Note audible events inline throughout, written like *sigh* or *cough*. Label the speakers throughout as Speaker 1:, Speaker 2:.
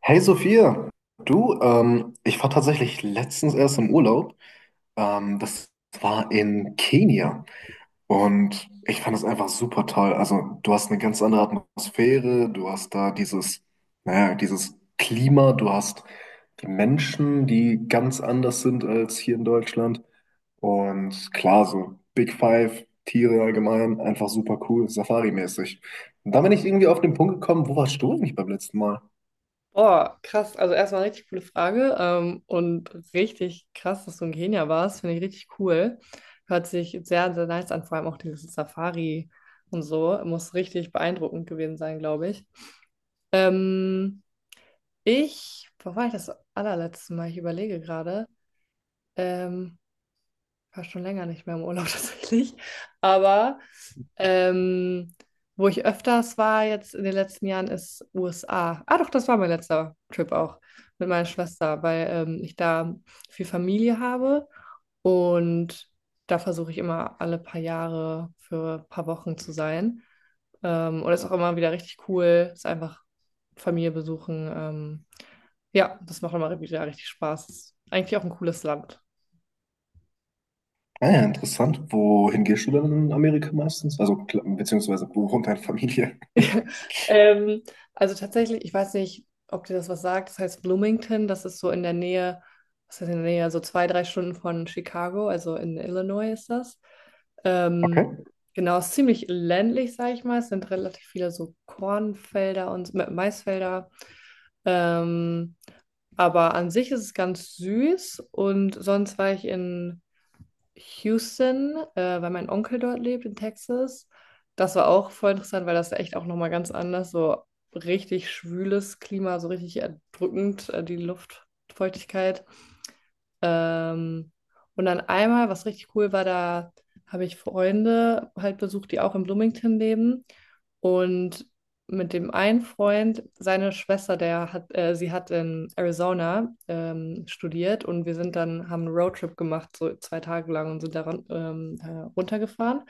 Speaker 1: Hey Sophia, du, ich war tatsächlich letztens erst im Urlaub. Das war in Kenia und ich fand es einfach super toll. Also du hast eine ganz andere Atmosphäre, du hast da dieses, naja, dieses Klima, du hast die Menschen, die ganz anders sind als hier in Deutschland. Und klar, so Big Five, Tiere allgemein, einfach super cool, Safari-mäßig. Und da bin ich irgendwie auf den Punkt gekommen, wo warst du eigentlich beim letzten Mal?
Speaker 2: Boah, krass. Also erstmal richtig coole Frage, und richtig krass, dass du in Kenia warst. Finde ich richtig cool. Hört sich sehr, sehr nice an, vor allem auch diese Safari und so. Muss richtig beeindruckend gewesen sein, glaube ich. Ähm, Ich, wo war ich das allerletzte Mal? Ich überlege gerade. Ähm, War schon länger nicht mehr im Urlaub *laughs* tatsächlich. Aber ähm, wo ich öfters war jetzt in den letzten Jahren ist USA. Ah doch, das war mein letzter Trip auch mit meiner Schwester, weil, ich da viel Familie habe und da versuche ich immer alle paar Jahre für ein paar Wochen zu sein. Und das ist auch immer wieder richtig cool, ist einfach Familie besuchen. Ja, das macht immer wieder richtig Spaß. Ist eigentlich auch ein cooles Land.
Speaker 1: Ah ja, interessant. Wohin gehst du dann in Amerika meistens? Also, beziehungsweise, wo wohnt deine Familie?
Speaker 2: *laughs* Ähm, also tatsächlich, ich weiß nicht, ob dir das was sagt. Das heißt Bloomington, das ist so in der Nähe, so zwei, drei Stunden von Chicago, also in Illinois ist das.
Speaker 1: Okay.
Speaker 2: Ähm, genau, ist ziemlich ländlich, sage ich mal. Es sind relativ viele so Kornfelder und Maisfelder. Ähm, aber an sich ist es ganz süß. Und sonst war ich in Houston, weil mein Onkel dort lebt in Texas. Das war auch voll interessant, weil das echt auch nochmal ganz anders, so richtig schwüles Klima, so richtig erdrückend, die Luftfeuchtigkeit. Ähm, und dann einmal, was richtig cool war, da habe ich Freunde halt besucht, die auch in Bloomington leben. Und mit dem einen Freund, seine Schwester, sie hat in Arizona studiert und haben einen Roadtrip gemacht, so zwei Tage lang und sind da ähm, äh, runtergefahren.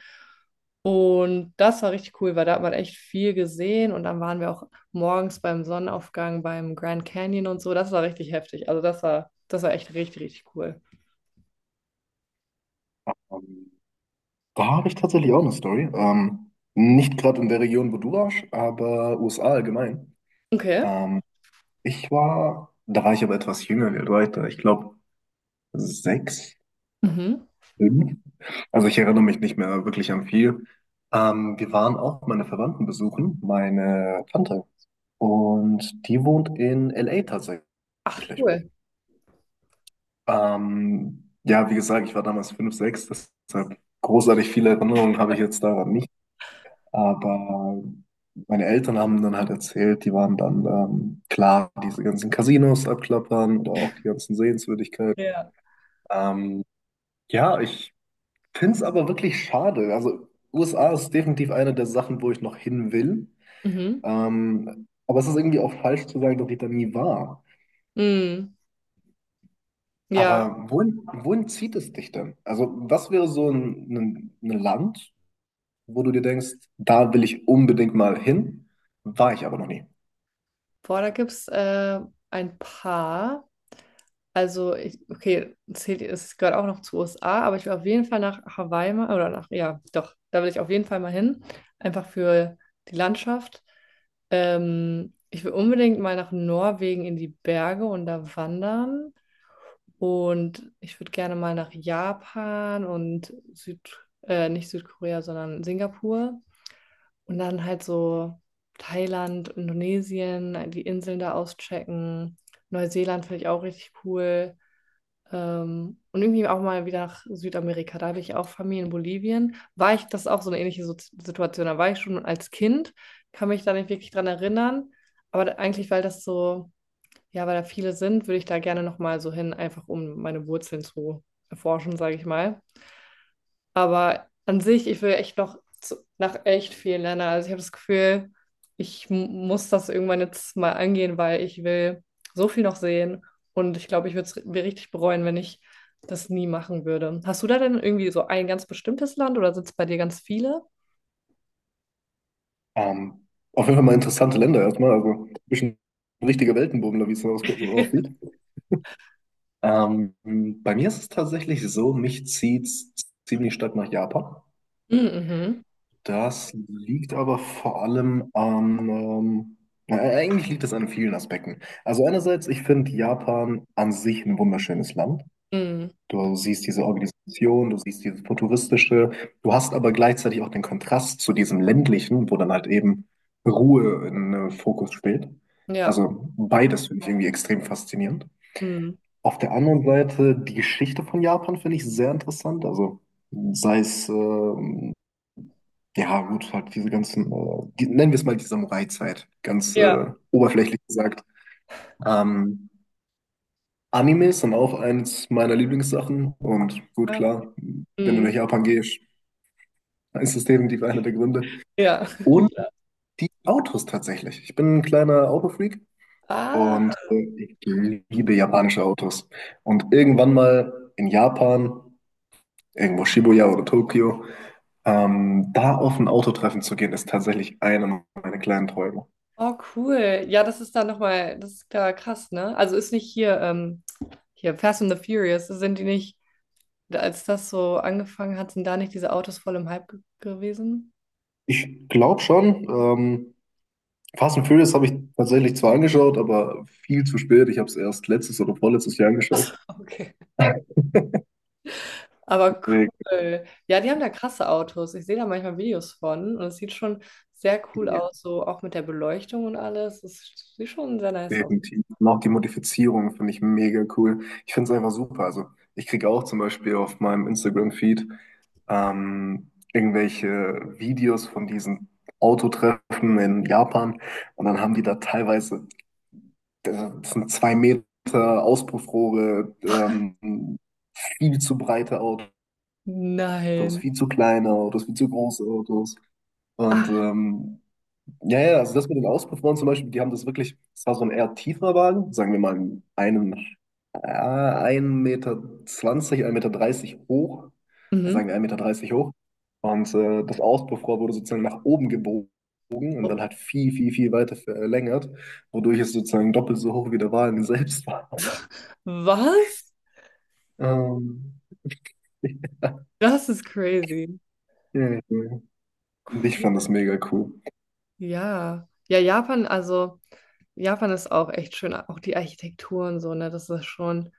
Speaker 2: Und das war richtig cool, weil da hat man echt viel gesehen und dann waren wir auch morgens beim Sonnenaufgang beim Grand Canyon und so. Das war richtig heftig. Also das war echt richtig, richtig cool.
Speaker 1: Ähm, Da habe ich tatsächlich auch eine Story. Nicht gerade in der Region, wo du warst, aber USA allgemein.
Speaker 2: Okay.
Speaker 1: Ähm, Da war ich aber etwas jünger, wie alt war ich da? Ich glaube, sechs,
Speaker 2: Mhm.
Speaker 1: fünf. Also, ich erinnere mich nicht mehr wirklich an viel. Wir waren auch meine Verwandten besuchen, meine Tante. Und die wohnt in LA tatsächlich.
Speaker 2: Cool.
Speaker 1: Ja, wie gesagt, ich war damals 5 6, deshalb großartig viele Erinnerungen habe ich jetzt daran nicht. Aber meine Eltern haben dann halt erzählt, die waren dann klar, diese ganzen Casinos abklappern oder auch die ganzen Sehenswürdigkeiten.
Speaker 2: Ja.
Speaker 1: Ähm, ja, ich finde es aber wirklich schade. Also USA ist definitiv eine der Sachen, wo ich noch hin will.
Speaker 2: Mhm.
Speaker 1: Aber es ist irgendwie auch falsch zu sagen, dass ich da nie war.
Speaker 2: Mhm. Ja.
Speaker 1: Aber wohin zieht es dich denn? Also was wäre so ein Land, wo du dir denkst, da will ich unbedingt mal hin, war ich aber noch nie.
Speaker 2: Boah, da gibt es ein paar. Also, okay, zählt, es gehört auch noch zu USA, aber ich will auf jeden Fall nach Hawaii mal, oder nach, ja, doch, da will ich auf jeden Fall mal hin. Einfach für die Landschaft. Ich will unbedingt mal nach Norwegen in die Berge und da wandern. Und ich würde gerne mal nach Japan und Süd, nicht Südkorea, sondern Singapur. Und dann halt so Thailand, Indonesien, die Inseln da auschecken. Neuseeland finde ich auch richtig cool. Und irgendwie auch mal wieder nach Südamerika. Da habe ich auch Familie in Bolivien. War ich, das ist auch so eine ähnliche Situation. Da war ich schon als Kind, kann mich da nicht wirklich dran erinnern. Aber eigentlich, weil das so, ja, weil da viele sind, würde ich da gerne nochmal so hin, einfach um meine Wurzeln zu erforschen, sage ich mal. Aber an sich, ich will echt nach echt vielen Ländern. Also ich habe das Gefühl, ich muss das irgendwann jetzt mal angehen, weil ich will so viel noch sehen. Und ich glaube, ich würde es mir richtig bereuen, wenn ich das nie machen würde. Hast du da denn irgendwie so ein ganz bestimmtes Land oder sind es bei dir ganz viele?
Speaker 1: Ähm, auf jeden Fall mal interessante Länder erstmal, also ein bisschen richtige Weltenbummler, wie es so aussieht.
Speaker 2: *laughs*
Speaker 1: Ähm, Bei mir ist es tatsächlich so, mich zieht ziemlich stark nach Japan.
Speaker 2: Mhm.
Speaker 1: Das liegt aber vor allem an, na, eigentlich liegt es an vielen Aspekten. Also einerseits, ich finde Japan an sich ein wunderschönes Land.
Speaker 2: Mhm.
Speaker 1: Du siehst diese Organisation, du siehst dieses Futuristische, du hast aber gleichzeitig auch den Kontrast zu diesem ländlichen, wo dann halt eben Ruhe in Fokus steht.
Speaker 2: Mhm. Ja.
Speaker 1: Also beides finde ich irgendwie extrem faszinierend.
Speaker 2: Mhm.
Speaker 1: Auf der anderen Seite, die Geschichte von Japan finde ich sehr interessant. Also sei es, ja gut, halt diese ganzen, die, nennen wir es mal die Samurai-Zeit, ganz
Speaker 2: Ja.
Speaker 1: oberflächlich gesagt. Ähm, Animes sind auch eins meiner Lieblingssachen und gut,
Speaker 2: Ah, okay.
Speaker 1: klar, wenn du
Speaker 2: Mhm.
Speaker 1: nach Japan gehst, dann ist das definitiv einer der Gründe.
Speaker 2: Ja.
Speaker 1: Und
Speaker 2: *laughs* Ja.
Speaker 1: die Autos tatsächlich. Ich bin ein kleiner Autofreak und
Speaker 2: Ah.
Speaker 1: ich liebe japanische Autos. Und irgendwann mal in Japan, irgendwo Shibuya oder Tokio, da auf ein Autotreffen zu gehen, ist tatsächlich einer meiner kleinen Träume.
Speaker 2: Oh, cool. Ja, das ist da nochmal, das ist da krass, ne? Also ist nicht hier, hier Fast and the Furious, sind die nicht, als das so angefangen hat, sind da nicht diese Autos voll im Hype ge gewesen?
Speaker 1: Ich glaube schon, Fast and Furious habe ich tatsächlich zwar angeschaut, aber viel zu spät. Ich habe es erst letztes oder vorletztes Jahr angeschaut.
Speaker 2: *laughs* Okay. Aber
Speaker 1: Wild.
Speaker 2: cool. Ja, die haben da krasse Autos. Ich sehe da manchmal Videos von und es sieht schon sehr cool
Speaker 1: Ja,
Speaker 2: aus, so auch mit der Beleuchtung und alles. Es sieht schon sehr nice aus.
Speaker 1: definitiv. Und auch die Modifizierung finde ich mega cool. Ich finde es einfach super. Also ich kriege auch zum Beispiel auf meinem Instagram-Feed irgendwelche Videos von diesen Autotreffen in Japan und dann haben die da teilweise, das sind zwei Meter Auspuffrohre, viel zu breite Autos,
Speaker 2: Nein.
Speaker 1: viel zu kleine Autos, viel zu große Autos. Und
Speaker 2: Ach,
Speaker 1: ja, ja, also das mit den Auspuffrohren zum Beispiel, die haben das wirklich, es war so ein eher tieferer Wagen, sagen wir mal einen 1,20 Meter, 1,30 Meter dreißig hoch, ja, sagen
Speaker 2: mhm.
Speaker 1: wir 1,30 Meter dreißig hoch. Und das Auspuffrohr wurde sozusagen nach oben gebogen und dann
Speaker 2: Oh,
Speaker 1: halt viel, viel, viel weiter verlängert, wodurch es sozusagen doppelt so hoch wie der Wagen selbst war.
Speaker 2: was?
Speaker 1: Ähm, *laughs*
Speaker 2: Das ist crazy.
Speaker 1: ja, ja. Ich
Speaker 2: Cool.
Speaker 1: fand das mega cool.
Speaker 2: Ja. Ja, Japan, also. Japan ist auch echt schön, auch die Architektur und so, ne? Das ist schon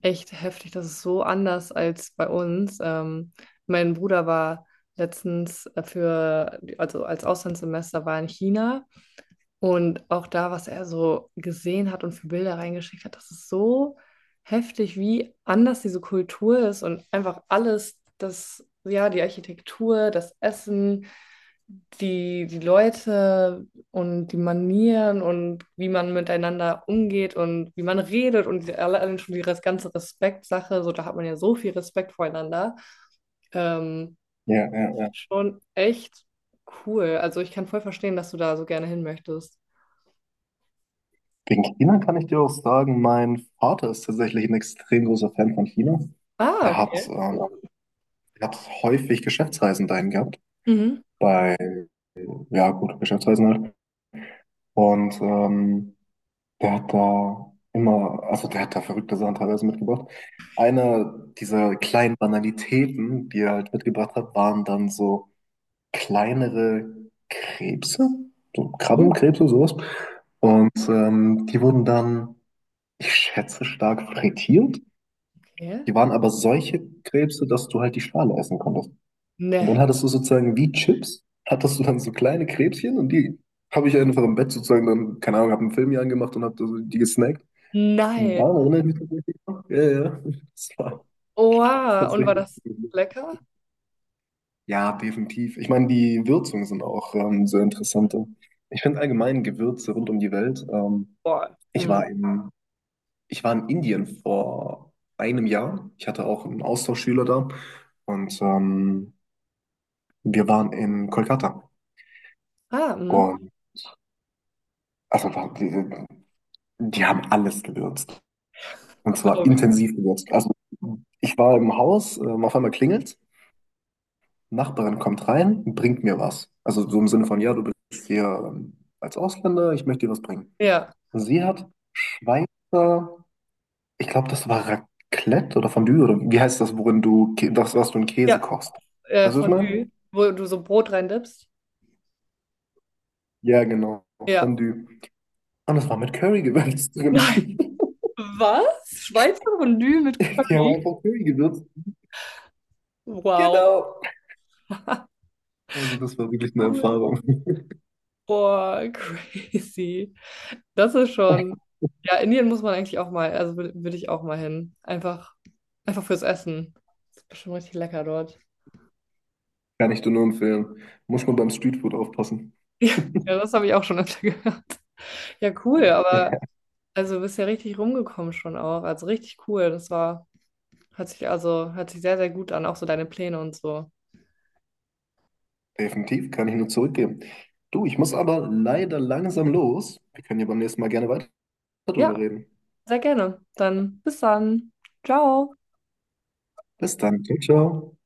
Speaker 2: echt heftig. Das ist so anders als bei uns. Mein Bruder war letztens also als Auslandssemester war in China und auch da, was er so gesehen hat und für Bilder reingeschickt hat, das ist so heftig, wie anders diese Kultur ist und einfach alles, das, ja, die Architektur, das Essen, die Leute und die Manieren und wie man miteinander umgeht und wie man redet und allein schon die ganze Respektsache, so da hat man ja so viel Respekt voreinander. Ähm,
Speaker 1: Ja, ja, ja.
Speaker 2: schon echt cool. Also ich kann voll verstehen, dass du da so gerne hin möchtest.
Speaker 1: Wegen China kann ich dir auch sagen, mein Vater ist tatsächlich ein extrem großer Fan von China.
Speaker 2: Ah,
Speaker 1: Er hat,
Speaker 2: okay.
Speaker 1: ähm, er hat häufig Geschäftsreisen dahin gehabt,
Speaker 2: Mhm.
Speaker 1: bei, ja gut, Geschäftsreisen halt. Und der hat da immer, also der hat da verrückte Sachen teilweise mitgebracht. Eine dieser kleinen Banalitäten, die er halt mitgebracht hat, waren dann so kleinere Krebse, so
Speaker 2: Oh,
Speaker 1: Krabbenkrebse, sowas. Und die wurden dann, ich schätze, stark frittiert.
Speaker 2: okay.
Speaker 1: Die waren aber solche Krebse, dass du halt die Schale essen konntest. Und dann
Speaker 2: Ne.
Speaker 1: hattest du sozusagen wie Chips, hattest du dann so kleine Krebschen und die habe ich einfach im Bett sozusagen dann, keine Ahnung, habe einen Film hier angemacht und habe die gesnackt.
Speaker 2: Nein.
Speaker 1: Daran erinnere ich mich tatsächlich noch. Ja, ja, ja. Das war
Speaker 2: Oh, wow. Und war
Speaker 1: tatsächlich.
Speaker 2: das lecker?
Speaker 1: Ja, definitiv. Ich meine, die Würzungen sind auch sehr interessant. Ich finde allgemein Gewürze rund um die Welt.
Speaker 2: Boah.
Speaker 1: Ich
Speaker 2: Hm.
Speaker 1: war in, Ich war in Indien vor einem Jahr. Ich hatte auch einen Austauschschüler da und wir waren in Kolkata
Speaker 2: Ah, mhm.
Speaker 1: und also die haben alles gewürzt. Und zwar
Speaker 2: Glaube ich.
Speaker 1: intensiv gewürzt. Also ich war im Haus, auf einmal klingelt, Nachbarin kommt rein, bringt mir was. Also so im Sinne von, ja, du bist hier als Ausländer, ich möchte dir was bringen.
Speaker 2: Ja.
Speaker 1: Und sie hat Schweizer, ich glaube, das war Raclette oder Fondue oder wie heißt das, worin du, das, was du in Käse
Speaker 2: Ja.
Speaker 1: kochst. Weißt du, was ich
Speaker 2: Fondue,
Speaker 1: meine?
Speaker 2: wo du so Brot reindippst.
Speaker 1: Ja, genau,
Speaker 2: Ja.
Speaker 1: Fondue. Und das war mit Curry gewürzt drin.
Speaker 2: Nein.
Speaker 1: *laughs*
Speaker 2: Was? Schweizer Fondue mit
Speaker 1: Die haben
Speaker 2: Curry?
Speaker 1: einfach Curry gewürzt.
Speaker 2: Wow.
Speaker 1: Genau. Also das war wirklich eine
Speaker 2: Cool.
Speaker 1: Erfahrung.
Speaker 2: Boah, *laughs* crazy. Das ist schon.
Speaker 1: *laughs*
Speaker 2: Ja, Indien muss man eigentlich auch mal, also würde ich auch mal hin. Einfach, einfach fürs Essen. Das ist bestimmt richtig lecker dort.
Speaker 1: Kann ich dir nur empfehlen. Muss man beim Streetfood aufpassen.
Speaker 2: *laughs* Ja,
Speaker 1: *laughs*
Speaker 2: das habe ich auch schon öfter *laughs* gehört. Ja, cool, aber also du bist ja richtig rumgekommen schon auch. Also richtig cool. Hat sich also, hört sich sehr, sehr gut an, auch so deine Pläne und so.
Speaker 1: Definitiv, kann ich nur zurückgeben. Du, ich muss aber leider langsam los. Wir können ja beim nächsten Mal gerne weiter drüber
Speaker 2: Ja.
Speaker 1: reden.
Speaker 2: Sehr gerne. Dann bis dann. Ciao.
Speaker 1: Bis dann. Ciao, ciao.